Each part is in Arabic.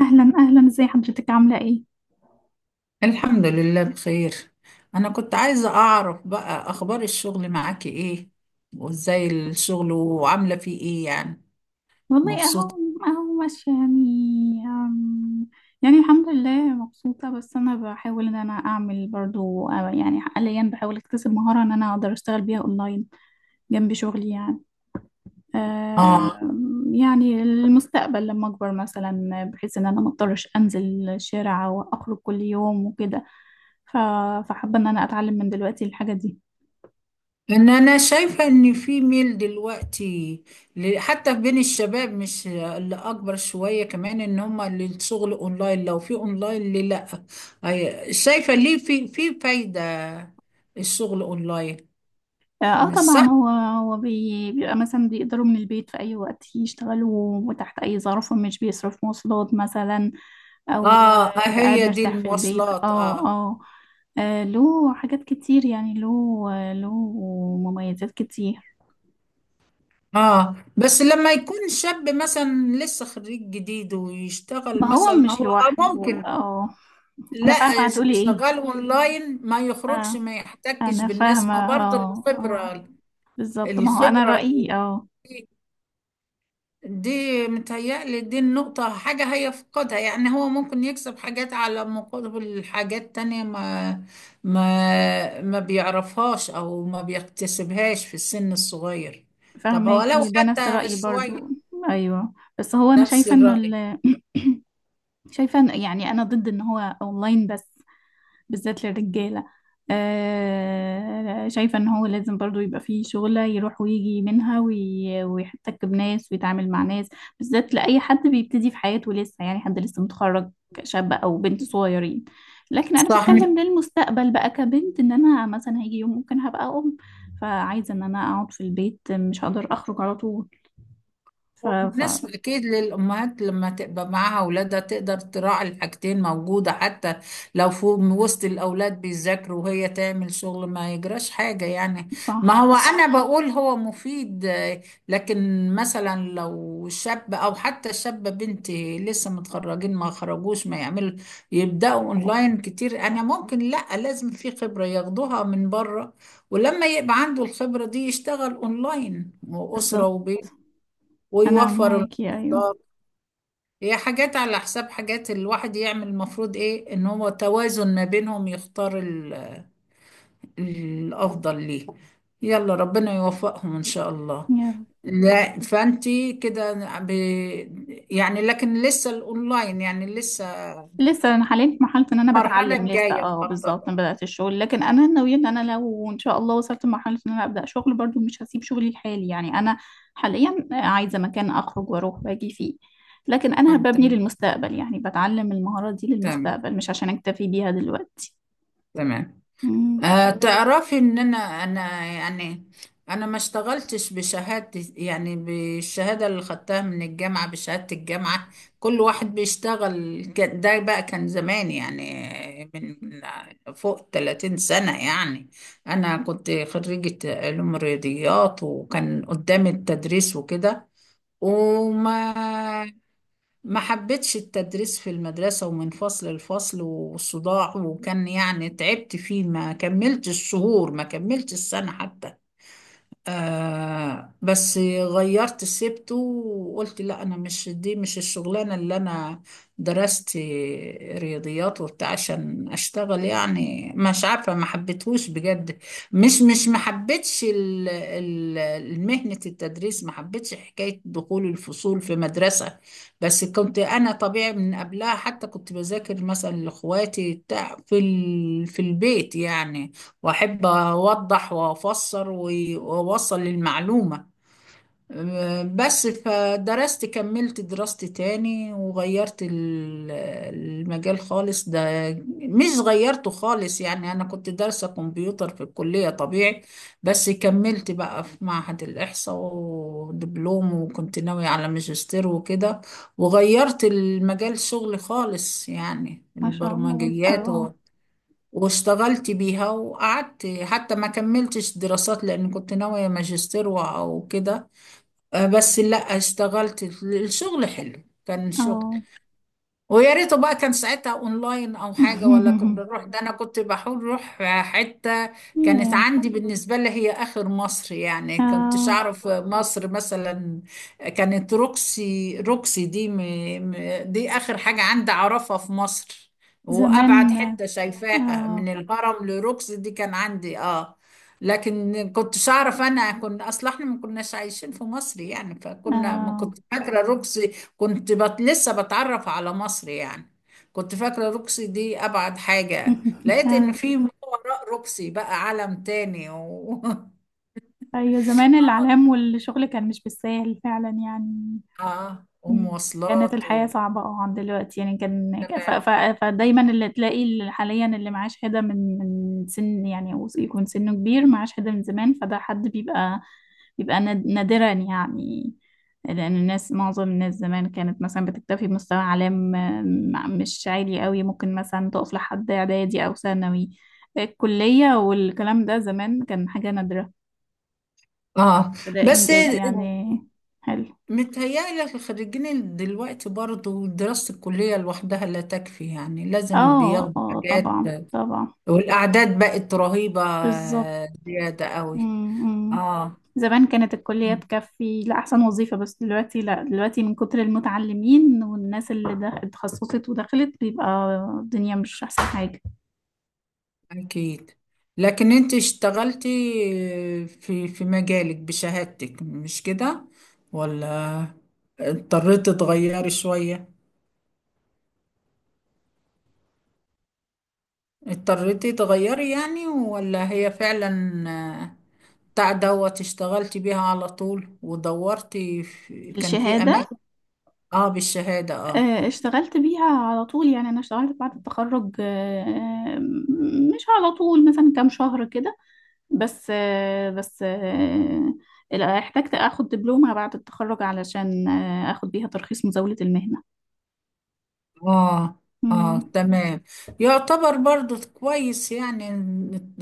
اهلا اهلا، ازي حضرتك؟ عامله ايه؟ الحمد لله بخير. أنا كنت عايزة أعرف بقى أخبار الشغل معاكي إيه، وإزاي الشغل وعاملة فيه إيه يعني. والله مبسوطة. اهو، اهو ماشيه يعني. يعني الحمد لله مبسوطه. بس انا بحاول ان انا اعمل برضو يعني حاليا بحاول اكتسب مهاره ان انا اقدر اشتغل بيها اونلاين جنب شغلي يعني. آه. يعني المستقبل لما اكبر مثلا، بحيث ان انا ما اضطرش انزل الشارع واخرج كل يوم وكده. ف- فحابه ان انا اتعلم من دلوقتي الحاجه دي. إن أنا شايفة إن في ميل دلوقتي حتى بين الشباب، مش اللي أكبر شوية كمان، إن هما للشغل أونلاين، لو في أونلاين ليه لأ. شايفة ليه في فايدة الشغل أونلاين، اه مش طبعا، صح؟ هو بيبقى مثلا بيقدروا من البيت في اي وقت يشتغلوا وتحت اي ظرف، ومش بيصرف مواصلات مثلا. او آه آه، بيبقى قاعد هي دي مرتاح في البيت، المواصلات، اه آه. اه. له حاجات كتير يعني، له له مميزات كتير. اه، بس لما يكون شاب مثلا لسه خريج جديد ما ويشتغل هو مثلا مش هو لوحده ممكن. اه. لا. انا فاهمة هتقولي ايه. شغال اونلاين، ما يخرجش، اه ما يحتكش انا فاهمة، بالناس، ما برضه اه اه. الخبرة. بالظبط، ما هو انا الخبرة دي, رأيي اه. دي متهيألي دي النقطة، حاجة هيفقدها، يعني هو ممكن يكسب حاجات على مقابل حاجات تانية ما بيعرفهاش او ما بيكتسبهاش في السن الصغير. طب هو لو فاهماكي، ده نفس حتى رأيي برضو. شوية. ايوه، بس هو انا نفس شايفة انه الرأي. ال... شايفة يعني أنا ضد إن هو أونلاين بس، بالذات للرجالة. آه شايفة إن هو لازم برضو يبقى فيه شغلة يروح ويجي منها، ويحتك بناس ويتعامل مع ناس، بالذات لأي حد بيبتدي في حياته لسه يعني، حد لسه متخرج، شاب أو بنت صغيرين. لكن أنا صح. مش بتكلم للمستقبل بقى كبنت، إن أنا مثلا هيجي يوم ممكن هبقى أم، فعايزة إن أنا أقعد في البيت مش هقدر أخرج على طول. ف... ف... مناسب اكيد للامهات، لما تبقى معاها اولادها تقدر تراعي الحاجتين، موجوده حتى لو فوق وسط الاولاد بيذاكروا وهي تعمل شغل ما يجراش حاجه يعني. ما صح، هو انا بقول هو مفيد، لكن مثلا لو شاب او حتى شابه بنتي لسه متخرجين ما خرجوش ما يعملوا يبداوا اونلاين كتير، انا ممكن لا، لازم في خبره ياخدوها من بره. ولما يبقى عنده الخبرة دي يشتغل اونلاين وأسرة بالظبط. وبيت، أنا ويوفر معاكي، أيوه. المصدر. هي حاجات على حساب حاجات، الواحد يعمل المفروض ايه ان هو توازن ما بينهم، يختار الافضل ليه. يلا، ربنا يوفقهم ان شاء الله. يلا. لا، فانتي كده ب... يعني، لكن لسه الاونلاين يعني لسه. لسه انا حاليا في مرحله ان انا المرحلة بتعلم لسه، الجاية اه بالظبط، ما مخططة. بدات الشغل. لكن انا ناويه ان انا لو ان شاء الله وصلت لمرحله ان انا ابدا شغل برضو، مش هسيب شغلي الحالي يعني. انا حاليا عايزه مكان اخرج واروح واجي فيه، لكن اه، انا ببني تمام. للمستقبل يعني، بتعلم المهارات دي تمام. للمستقبل مش عشان اكتفي بيها دلوقتي. تمام. امم. تعرفي ان انا يعني انا ما اشتغلتش بشهادة، يعني بالشهادة اللي خدتها من الجامعة، بشهادة الجامعة. كل واحد بيشتغل ده بقى كان زمان، يعني من فوق 30 سنة يعني. انا كنت خريجة علوم رياضيات، وكان قدامي التدريس وكده. وما ما حبيتش التدريس في المدرسة، ومن فصل لفصل والصداع، وكان يعني تعبت فيه، ما كملتش الشهور، ما كملتش السنة حتى. بس غيرت سبته، وقلت لا، انا مش دي، مش الشغلانه اللي انا درست رياضيات وبتاع عشان اشتغل، يعني مش عارفه ما حبيتهوش بجد. مش ما حبيتش مهنه التدريس، ما حبيتش حكايه دخول الفصول في مدرسه. بس كنت انا طبيعي من قبلها حتى كنت بذاكر مثلا لاخواتي بتاع في البيت يعني، واحب اوضح وافسر واوصل للمعلومة. بس فدرست كملت دراستي تاني، وغيرت المجال خالص ده. مش غيرته خالص، يعني انا كنت دارسة كمبيوتر في الكلية طبيعي، بس كملت بقى في معهد الإحصاء ودبلوم، وكنت ناوية على ماجستير وكده، وغيرت المجال شغلي خالص، يعني ما شاء الله، البرمجيات، اه واشتغلت بيها. وقعدت حتى ما كملتش دراسات، لأن كنت ناوية ماجستير أو كده. بس لا، اشتغلت الشغل حلو، كان شغل. اه. ويا ريته بقى كان ساعتها اونلاين او حاجه، ولا كنا نروح. ده انا كنت بحاول اروح حته كانت ياه. عندي بالنسبه لي هي اخر مصر، يعني كنتش اه اعرف مصر مثلا. كانت روكسي، روكسي دي م... دي اخر حاجه عندي اعرفها في مصر. زمان، وابعد حته شايفاها من اه الهرم لروكسي، دي كان عندي اه. لكن كنتش اعرف، انا كنا اصلا احنا ما كناش عايشين في مصر يعني، فكنا ما اه. كنت فاكره روكسي. كنت لسه بتعرف على مصر يعني. كنت فاكرة روكسي دي أبعد حاجة، لقيت إن اه في ما وراء روكسي بقى عالم تاني أيوة، زمان الإعلام والشغل كان مش بالساهل فعلا يعني. آه، م. كانت ومواصلات الحياة صعبة اه عن دلوقتي يعني، كان فدايما اللي تلاقي، اللي حاليا اللي معاه شهادة من سن يعني، أو يكون سنه كبير معاه شهادة من زمان، فده حد بيبقى بيبقى نادرا يعني. لأن الناس، معظم الناس زمان كانت مثلا بتكتفي بمستوى إعلام مش عالي قوي. ممكن مثلا تقف لحد إعدادي أو ثانوي. الكلية والكلام ده زمان كان حاجة نادرة، آه ده بس إنجاز يعني. حلو. متهيألي الخريجين دلوقتي برضو دراسة الكلية لوحدها لا تكفي، يعني لازم اه بياخدوا اه حاجات، طبعا طبعا. والأعداد بقت رهيبة، بالظبط. زيادة قوي. أمم. آه، زمان كانت الكلية تكفي لأحسن وظيفة، بس دلوقتي لا. دلوقتي من كتر المتعلمين والناس اللي اتخصصت ودخلت، بيبقى الدنيا مش أحسن حاجة. أكيد. لكن أنت اشتغلتي، في مجالك بشهادتك، مش كده؟ ولا اضطريتي تغيري شوية، اضطريتي تغيري يعني، ولا هي فعلا آه، بتاع دوت اشتغلتي بيها على طول، ودورتي في كان في الشهادة، أماكن. اه، بالشهادة. اه. اشتغلت بيها على طول يعني. أنا اشتغلت بعد التخرج مش على طول، مثلا كام شهر كده بس. لا، احتجت اخد دبلومة بعد التخرج علشان اخد بيها ترخيص مزاولة المهنة. اه، اه، مم. تمام. يعتبر برضو كويس يعني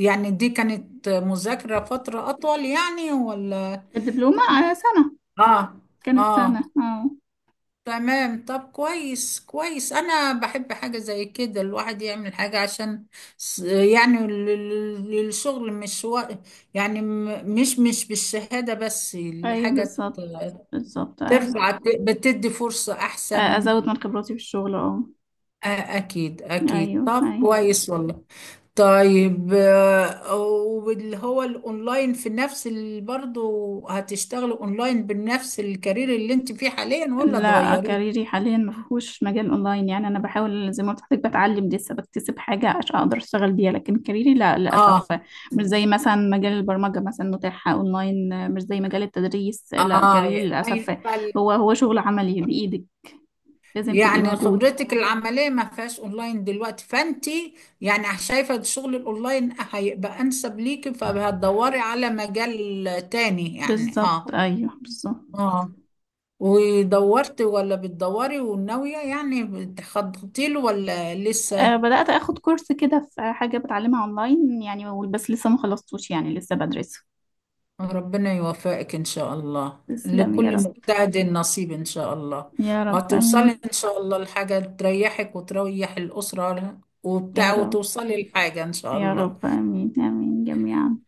يعني دي كانت مذاكرة فترة أطول يعني، ولا. الدبلومة، آه، سنة. اه، كانت سنة اه، اه. تمام. طب كويس كويس. أنا بحب حاجة زي كده، الواحد يعمل حاجة عشان يعني الشغل مش يعني مش بالشهادة بس، ايوه الحاجة بالظبط. بالظبط ايوه. ترفع، بتدي فرصة أحسن. ازود من خبراتي في الشغل اه. آه، أكيد أكيد. ايوه طب ايوه. كويس والله. طيب، واللي هو الاونلاين في نفس برضه، هتشتغلي اونلاين بنفس الكارير اللي انت فيه حاليا، ولا لا، تغيريه؟ كاريري حاليا ما فيهوش مجال اونلاين يعني. انا بحاول زي ما قلت لحضرتك، بتعلم لسه، بكتسب حاجه عشان اقدر اشتغل بيها. لكن كاريري لا اه، للاسف، مش زي مثلا مجال البرمجه مثلا متاح اونلاين، مش زي مجال التدريس. لا اه، كاريري ما للاسف، ينفع- هو شغل عملي بايدك، لازم تبقي يعني موجود. خبرتك العمليه ما فيهاش اونلاين دلوقتي، فانت يعني شايفه الشغل الاونلاين هيبقى انسب ليكي، فهتدوري على مجال تاني يعني. اه. بالظبط ايوه بالظبط. اه، ودورتي ولا بتدوري وناويه يعني، بتخططي له ولا أه لسه؟ بدات اخد كورس كده في حاجه بتعلمها اونلاين يعني، بس لسه ما خلصتوش يعني، لسه بدرسه. ربنا يوفقك إن شاء الله، تسلم يا لكل رب. مجتهد نصيب إن شاء الله. يا رب وهتوصلي امين. إن شاء الله لحاجة تريحك وتريح الأسرة يا وبتاع، رب. وتوصلي لحاجة إن شاء يا الله. رب آمين، آمين جميعا.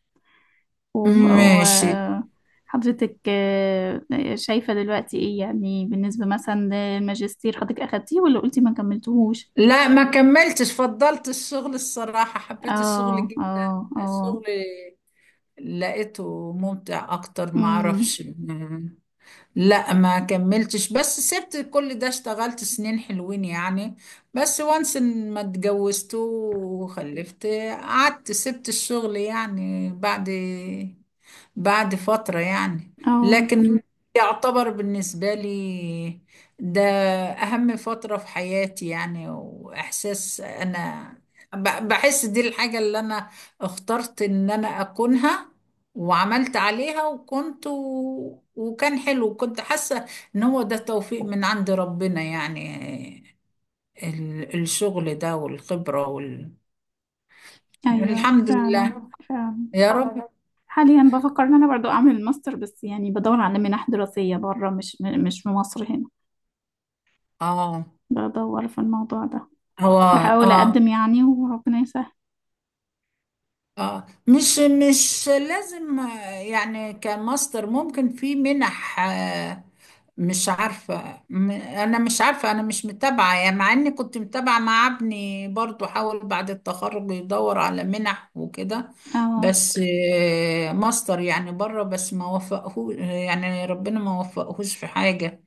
ماشي. وحضرتك شايفة دلوقتي ايه يعني بالنسبة مثلا للماجستير؟ حضرتك اخدتيه ولا قلتي ما كملتهوش؟ لا، ما كملتش، فضلت الشغل. الصراحة حبيت الشغل اه جدا، اه اه. الشغل لقيته ممتع أكتر ما امم. أعرفش. لا ما كملتش، بس سبت كل ده. اشتغلت سنين حلوين يعني، بس وانس إن ما اتجوزت وخلفت، قعدت سبت الشغل يعني بعد فترة يعني. اه لكن يعتبر بالنسبة لي ده أهم فترة في حياتي، يعني وإحساس أنا بحس دي الحاجة اللي أنا اخترت إن أنا أكونها، وعملت عليها، وكنت وكان حلو، وكنت حاسة إن هو ده توفيق من عند ربنا يعني، الشغل ده، والخبرة ايوه الحمد فعلا. لله. فعلا. يا رب. حاليا بفكر ان انا برضو اعمل ماستر، بس يعني بدور على منح دراسية بره، مش مش في مصر هنا. آه. بدور في الموضوع ده، هو. بحاول آه. اقدم يعني وربنا يسهل. اه، مش لازم، يعني كماستر ممكن في منح. مش عارفة أنا مش عارفة أنا مش متابعة، يعني مع إني كنت متابعة مع ابني برضو، حاول بعد التخرج يدور على منح وكده، اه. بس، ماستر يعني بره بس، ما وفقهوش يعني، ربنا ما وفقهوش في حاجة.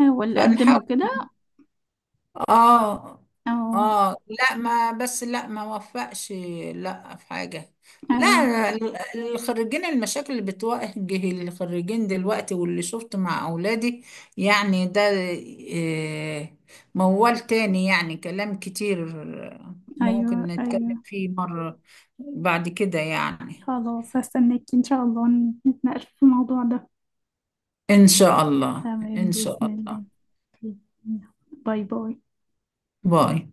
احاول اقدم وكده. اه. اه. اه، لا ما، بس لا ما وفقش، لا في حاجة. لا، ايوه الخريجين، المشاكل اللي بتواجه الخريجين دلوقتي واللي شفت مع أولادي يعني، ده آه، موال تاني، يعني كلام كتير ايوه ممكن ايوه. نتكلم فيه مرة بعد كده يعني. خلاص هستناك ان شاء الله، نتناقش في الموضوع ده. إن شاء الله تمام إن شاء بإذن الله. الله. باي باي. باي.